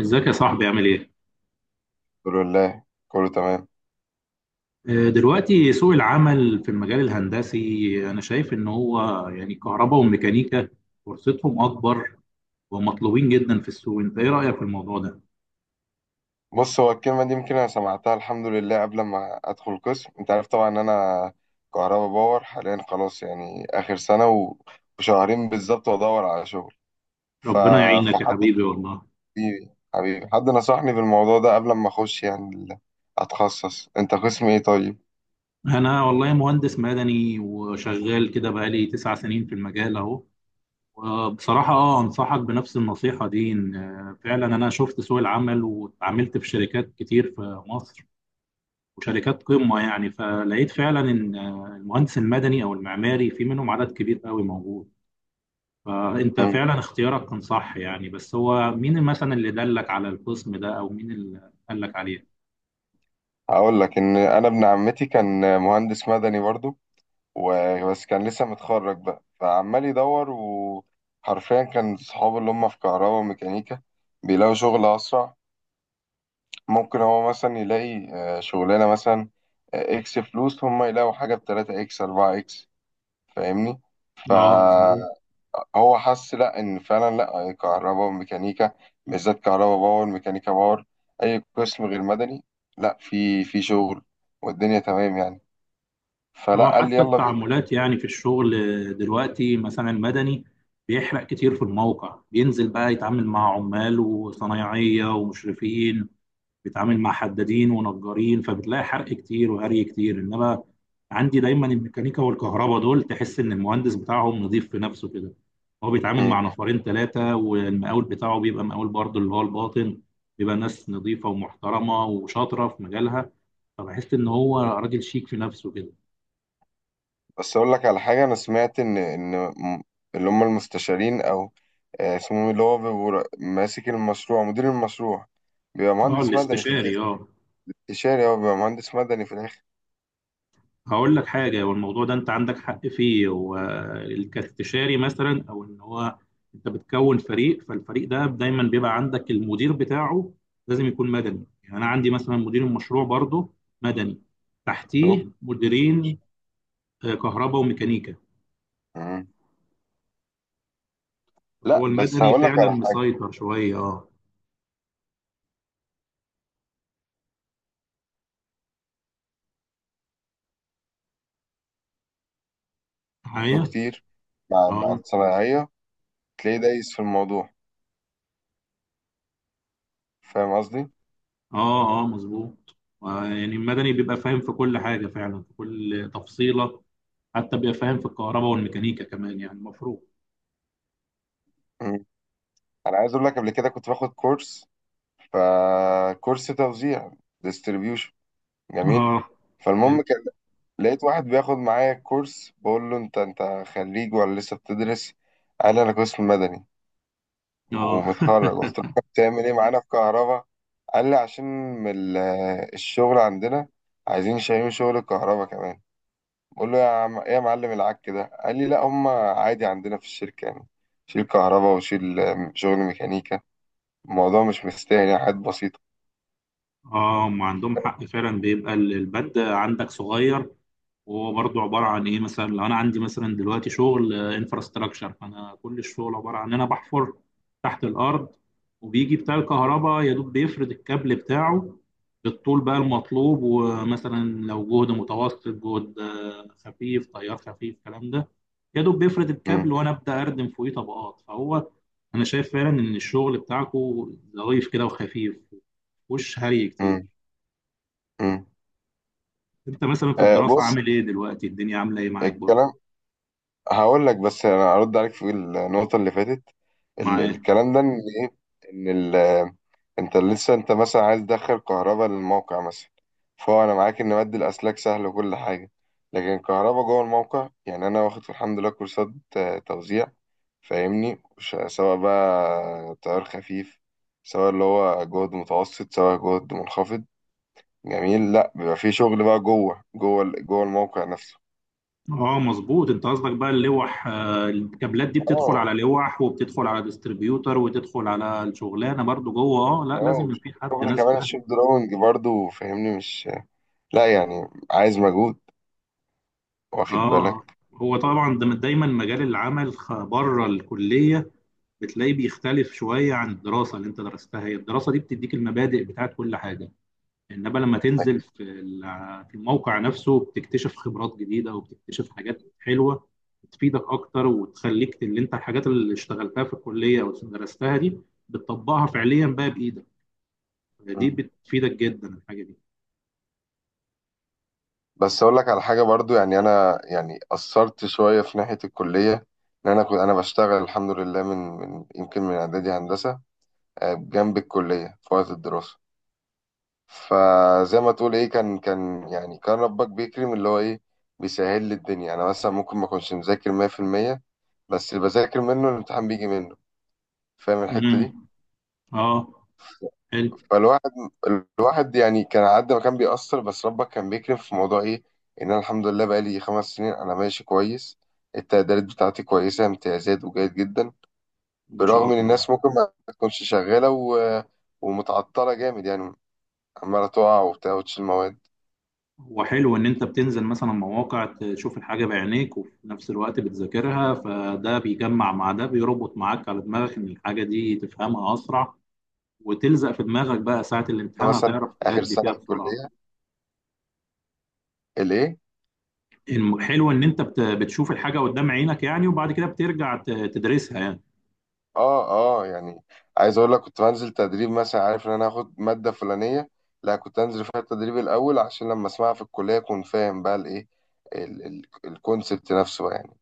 ازيك يا صاحبي عامل ايه؟ الحمد لله، كله تمام. دلوقتي سوق العمل في المجال الهندسي انا شايف ان هو يعني كهرباء وميكانيكا فرصتهم اكبر ومطلوبين جدا في السوق. انت ايه رأيك في الموضوع ده؟ بص، هو الكلمة دي يمكن أنا سمعتها الحمد لله قبل ما أدخل القسم. أنت عارف طبعا إن أنا كهربا باور، حاليا خلاص يعني آخر سنة وشهرين بالظبط، وأدور على شغل. ف... ربنا يعينك يا فحد حبيبي والله. حبيبي حبيبي، حد نصحني بالموضوع ده قبل ما أخش يعني أتخصص. أنت قسم إيه طيب؟ انا والله مهندس مدني وشغال كده بقالي 9 سنين في المجال اهو. وبصراحة انصحك بنفس النصيحة دي ان فعلا انا شفت سوق العمل واتعاملت في شركات كتير في مصر وشركات قمة، يعني فلقيت فعلا إن المهندس المدني أو المعماري في منهم عدد كبير قوي موجود. فأنت مم. فعلا اختيارك كان صح، يعني بس هو مين مثلا اللي دلك على القسم ده أو مين اللي قالك عليه؟ هقول لك إن أنا ابن عمتي كان مهندس مدني برضو، وبس كان لسه متخرج بقى، فعمال يدور. وحرفيا كان صحابه اللي هم في كهرباء وميكانيكا بيلاقوا شغل أسرع. ممكن هو مثلا يلاقي شغلانة، مثلا إكس فلوس، هم يلاقوا حاجة بتلاتة إكس أربعة إكس. فاهمني؟ اه، مظبوط. فهو حس، لأ إن فعلا لأ، كهرباء وميكانيكا بالذات، كهرباء باور، ميكانيكا باور، أي قسم غير مدني لأ، في شغل والدنيا تمام يعني. اه، فلأ، قال لي حتى يلا التعاملات يعني في الشغل دلوقتي مثلا المدني بيحرق كتير في الموقع، بينزل بقى يتعامل مع عمال وصنايعية ومشرفين، بيتعامل مع حدادين ونجارين، فبتلاقي حرق كتير وهري كتير. انما عندي دايما الميكانيكا والكهرباء دول تحس ان المهندس بتاعهم نظيف في نفسه كده، هو بيتعامل مع بينا. نفرين ثلاثة والمقاول بتاعه بيبقى مقاول برضه اللي هو الباطن، بيبقى ناس نظيفة ومحترمة وشاطرة في مجالها، فبحس ان هو راجل شيك في نفسه كده. بس اقول لك على حاجه، انا سمعت اللي هم المستشارين، او اسمهم إيه، اللي هو بيبقوا ماسك المشروع، مدير المشروع، بيبقى اه، مهندس مدني في الاستشاري، الاخر. اه. استشاري، هو بيبقى مهندس مدني في الاخر. هقول لك حاجة، والموضوع ده أنت عندك حق فيه. والاستشاري مثلا أو إن هو أنت بتكون فريق، فالفريق ده دايما بيبقى عندك المدير بتاعه، لازم يكون مدني. يعني أنا عندي مثلا مدير المشروع برضه مدني، شوف. تحتيه مديرين كهرباء وميكانيكا. مم. لا هو بس المدني هقول لك فعلا على حاجه، مسيطر شوية أه. له معايا. كتير مع أه، الصنايعيه، تلاقيه دايس في الموضوع. فاهم قصدي؟ أه، أه، مظبوط. يعني المدني بيبقى فاهم في كل حاجة فعلا في كل تفصيلة، حتى بيبقى فاهم في الكهرباء والميكانيكا كمان يعني المفروض. مم. انا عايز اقول لك، قبل كده كنت باخد كورس، فكورس توزيع، ديستريبيوشن، جميل. اه، حلو. فالمهم كان لقيت واحد بياخد معايا الكورس، بقول له انت خريج ولا لسه بتدرس؟ قال لي انا قسم مدني اه، ومتخرج. قلت له طب بتعمل ايه معانا في كهرباء؟ قال لي عشان من الشغل عندنا عايزين شايلين شغل الكهرباء كمان. بقول له يا عم ايه يا معلم العك ده؟ قال لي لا، هم عادي عندنا في الشركة يعني، شيل كهرباء وشيل شغل ميكانيكا، الموضوع مش مستاهل يعني، حاجات بسيطة. اه، ما عندهم حق فعلا. بيبقى البند عندك صغير، وهو برضه عباره عن ايه. مثلا لو انا عندي مثلا دلوقتي شغل انفراستراكشر، فانا كل الشغل عباره عن ان انا بحفر تحت الارض، وبيجي بتاع الكهرباء يا دوب بيفرد الكابل بتاعه بالطول بقى المطلوب. ومثلا لو جهد متوسط جهد خفيف، تيار خفيف، الكلام ده يا دوب بيفرد الكابل مم. وانا ابدا اردم فوقيه طبقات. فهو انا شايف فعلا ان الشغل بتاعكو ظريف كده وخفيف ومفهوش هري كتير. مم. مم. انت مثلا في الدراسه بص، عامل ايه دلوقتي، الدنيا عامله ايه معاك برضه؟ الكلام، هقول لك بس انا ارد عليك في النقطه اللي فاتت. ال مع الكلام ده ان ايه، ان ال انت لسه انت مثلا عايز تدخل كهرباء للموقع مثلا، فهو انا معاك ان مد الاسلاك سهل وكل حاجه، لكن كهرباء جوه الموقع، يعني انا واخد الحمد لله كورسات توزيع، فاهمني؟ سواء بقى تيار خفيف، سواء اللي هو جهد متوسط، سواء جهد منخفض. جميل. لا بيبقى في شغل بقى جوه الموقع نفسه. اه، مظبوط. انت قصدك بقى اللوح. الكابلات دي بتدخل اه. على لوح وبتدخل على ديستريبيوتر وتدخل على الشغلانه برضو جوه. اه، لا، اه، لازم يبقى في حد، والشغل ناس كمان فاهم. الشيب دراونج برضو، فاهمني؟ مش، لا يعني عايز مجهود. واخد اه، بالك؟ هو طبعا ده دايما مجال العمل بره الكليه بتلاقيه بيختلف شويه عن الدراسه اللي انت درستها. هي الدراسه دي بتديك المبادئ بتاعت كل حاجه، انما لما تنزل في في الموقع نفسه بتكتشف خبرات جديده وبتكتشف حاجات حلوه بتفيدك اكتر وتخليك اللي انت الحاجات اللي اشتغلتها في الكليه او درستها دي بتطبقها فعليا بقى بايدك. دي مم. بتفيدك جدا الحاجه دي. بس اقول لك على حاجه برضو، يعني انا يعني قصرت شويه في ناحيه الكليه. ان انا كنت انا بشتغل الحمد لله من يمكن من اعدادي هندسه، جنب الكليه في وقت الدراسه. فزي ما تقول ايه، كان يعني كان ربك بيكرم، اللي هو ايه، بيسهل لي الدنيا. انا مثلا ممكن ما اكونش مذاكر 100%، بس اللي بذاكر منه الامتحان بيجي منه. فاهم الحته امم دي؟ اه، حلو، فالواحد يعني كان على قد ما كان بيأثر، بس ربك كان بيكرم في موضوع ايه، ان انا الحمد لله بقالي 5 سنين انا ماشي كويس، التقديرات بتاعتي كويسة، امتيازات وجيد جدا. ما شاء برغم ان الله. الناس ممكن ما تكونش شغالة ومتعطلة جامد يعني، عمالة تقع وبتاع وتشيل مواد. وحلو ان انت بتنزل مثلا مواقع تشوف الحاجه بعينيك وفي نفس الوقت بتذاكرها، فده بيجمع مع ده، بيربط معاك على دماغك ان الحاجه دي تفهمها اسرع وتلزق في دماغك، بقى ساعة أنا الامتحان مثلا هتعرف آخر تأدي فيها سنة في بسرعة. الكلية، الايه. حلو ان انت بتشوف الحاجة قدام عينك يعني، وبعد كده بترجع تدرسها يعني. اه. اه يعني، عايز اقول لك كنت بنزل تدريب مثلا، عارف ان انا هاخد ماده فلانيه، لا كنت انزل فيها التدريب الاول عشان لما اسمعها في الكليه اكون فاهم بقى الايه، الكونسبت نفسه بقى يعني.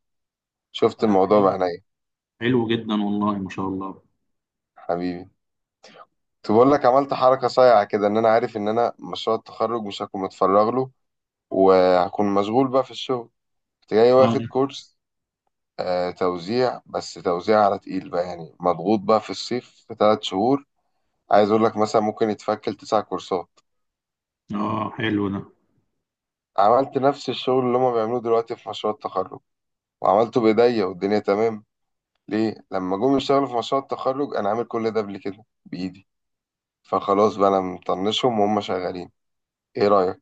شفت لا، الموضوع حلو، بعينيا. حلو جدا والله ما شاء الله. حبيبي. كنت بقول لك عملت حركه صايعه كده، ان انا عارف ان انا مشروع التخرج مش هكون متفرغ له، وهكون مشغول بقى في الشغل. كنت جاي اه، واخد كورس توزيع، بس توزيع على تقيل بقى يعني، مضغوط بقى في الصيف في 3 شهور. عايز اقول لك مثلا ممكن يتفكل تسع كورسات. اه، حلو ده. عملت نفس الشغل اللي هما بيعملوه دلوقتي في مشروع التخرج، وعملته بايديا والدنيا تمام. ليه لما جم يشتغلوا في مشروع التخرج انا عامل كل ده قبل كده بايدي، فخلاص بقى انا مطنشهم وهم شغالين. ايه رايك؟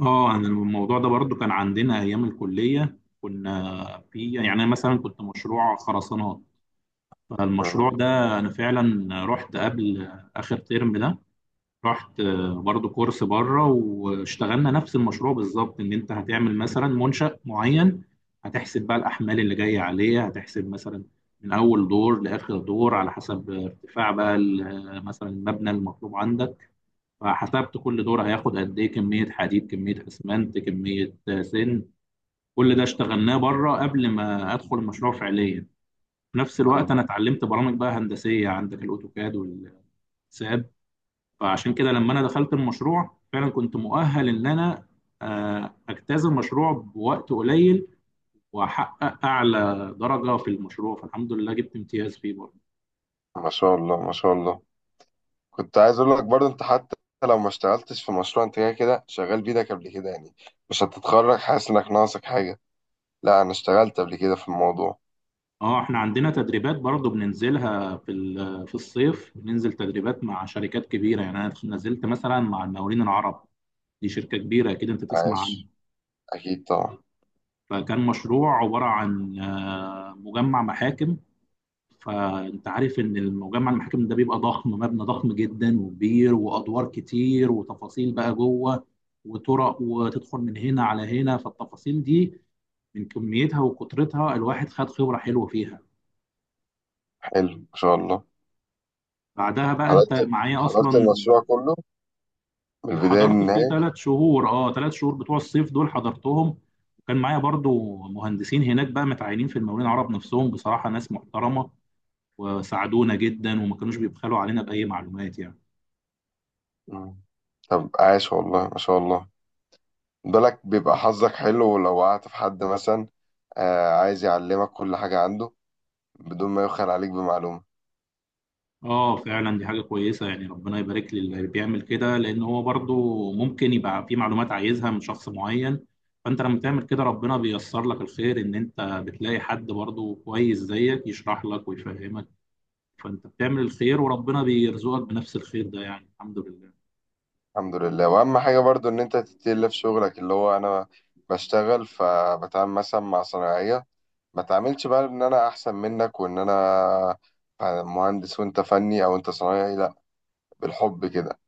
اه، انا الموضوع ده برضو كان عندنا ايام الكلية. كنا في، يعني انا مثلا كنت مشروع خرسانات. فالمشروع مم. ده انا فعلا رحت قبل اخر ترم ده، رحت برضو كورس بره واشتغلنا نفس المشروع بالظبط. ان انت هتعمل مثلا منشأ معين، هتحسب بقى الاحمال اللي جايه عليه، هتحسب مثلا من اول دور لاخر دور على حسب ارتفاع بقى مثلا المبنى المطلوب عندك. فحسبت كل دور هياخد قد ايه كميه حديد، كميه اسمنت، كميه سن. كل ده اشتغلناه بره قبل ما ادخل المشروع فعليا. في نفس الوقت مم. انا اتعلمت برامج بقى هندسيه، عندك الاوتوكاد والساب. فعشان كده لما انا دخلت المشروع فعلا كنت مؤهل ان انا اجتاز المشروع بوقت قليل واحقق اعلى درجه في المشروع، فالحمد لله جبت امتياز فيه برضه. ما شاء الله، ما شاء الله. كنت عايز اقول لك برضه، انت حتى لو ما اشتغلتش في مشروع، انت كده كده شغال بايدك قبل كده يعني، مش هتتخرج حاسس انك ناقصك حاجه. لا، انا اشتغلت قبل كده في الموضوع. اه، احنا عندنا تدريبات برضه بننزلها في في الصيف، بننزل تدريبات مع شركات كبيره. يعني انا نزلت مثلا مع المقاولين العرب، دي شركه كبيره اكيد انت تسمع عنها. عاش. اكيد طبعا. فكان مشروع عباره عن مجمع محاكم. فانت عارف ان المجمع المحاكم ده بيبقى ضخم، مبنى ضخم جدا وكبير وادوار كتير وتفاصيل بقى جوه وطرق وتدخل من هنا على هنا. فالتفاصيل دي من كميتها وكترتها الواحد خد خبرة حلوة فيها. حلو ما شاء الله. بعدها بقى انت حضرتك معايا حضرت اصلا. المشروع كله من البداية حضرت فيه للنهاية. 3 شهور. اه، 3 شهور بتوع الصيف دول حضرتهم. وكان معايا برضو مهندسين هناك بقى متعينين في المقاولين العرب نفسهم، بصراحة ناس محترمة وساعدونا جدا وما كانوش بيبخلوا علينا بأي معلومات يعني. مم. طب عاش والله ما شاء الله. بالك بيبقى حظك حلو لو وقعت في حد مثلا آه، عايز يعلمك كل حاجة عنده بدون ما يبخل عليك بمعلومة. اه، فعلا دي حاجة كويسة، يعني ربنا يبارك للي بيعمل كده، لأن هو برضو ممكن يبقى في معلومات عايزها من شخص معين. فأنت لما تعمل كده ربنا بيسر لك الخير، إن أنت بتلاقي حد برضو كويس زيك يشرح لك ويفهمك. فأنت بتعمل الخير وربنا بيرزقك بنفس الخير ده، يعني الحمد لله. الحمد لله. وأهم حاجة برضو إن أنت تتقل في شغلك. اللي هو أنا بشتغل فبتعامل مثلا مع صناعية، ما تعاملش بقى إن أنا أحسن منك وإن أنا مهندس وأنت فني أو أنت صنايعي لأ، بالحب كده.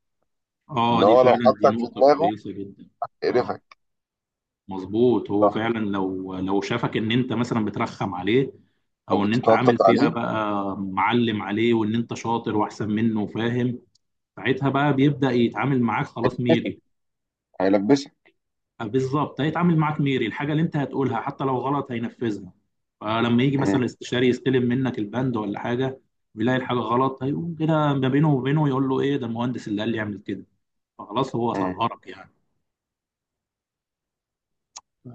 اه، إن دي هو لو فعلا دي حطك في نقطة دماغه كويسة جدا. اه، قرفك. مظبوط، هو فعلا لو شافك ان انت مثلا بترخم عليه، أو او ان انت بتتنطط عامل فيها عليه، بقى معلم عليه وان انت شاطر واحسن منه وفاهم، ساعتها بقى بيبدأ يتعامل معاك خلاص ميري. هيلبسك. أه، بالظبط، هيتعامل معاك ميري. الحاجة اللي انت هتقولها حتى لو غلط هينفذها. فلما يجي مثلا مم. الاستشاري يستلم منك البند ولا حاجة ويلاقي الحاجة غلط، هيقوم كده ما بينه وبينه يقول له ايه ده المهندس اللي قال لي اعمل كده، فخلاص هو مم. صغرك يعني.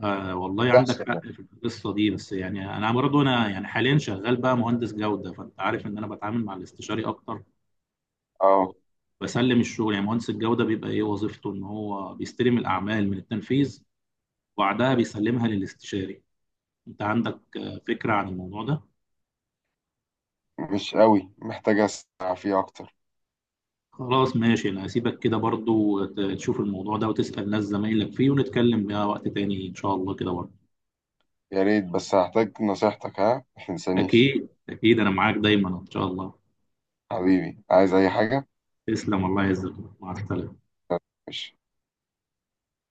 آه، والله عندك بتحصل حق يعني. في القصه دي. بس يعني انا برضو انا يعني حاليا شغال بقى مهندس جوده، فانت عارف ان انا بتعامل مع الاستشاري اكتر اه. وبسلم الشغل. يعني مهندس الجوده بيبقى ايه وظيفته؟ ان هو بيستلم الاعمال من التنفيذ، وبعدها بيسلمها للاستشاري. انت عندك فكره عن الموضوع ده؟ مش قوي، محتاج أسمع فيه أكتر. خلاص ماشي، انا هسيبك كده برضو تشوف الموضوع ده وتسال ناس زمايلك فيه، ونتكلم بقى وقت تاني ان شاء الله كده برضو. يا ريت، بس هحتاج نصيحتك، ها متنسانيش. اكيد، اكيد، انا معاك دايما ان شاء الله. حبيبي، عايز أي حاجة. تسلم، الله يعزك. مع السلامه. مش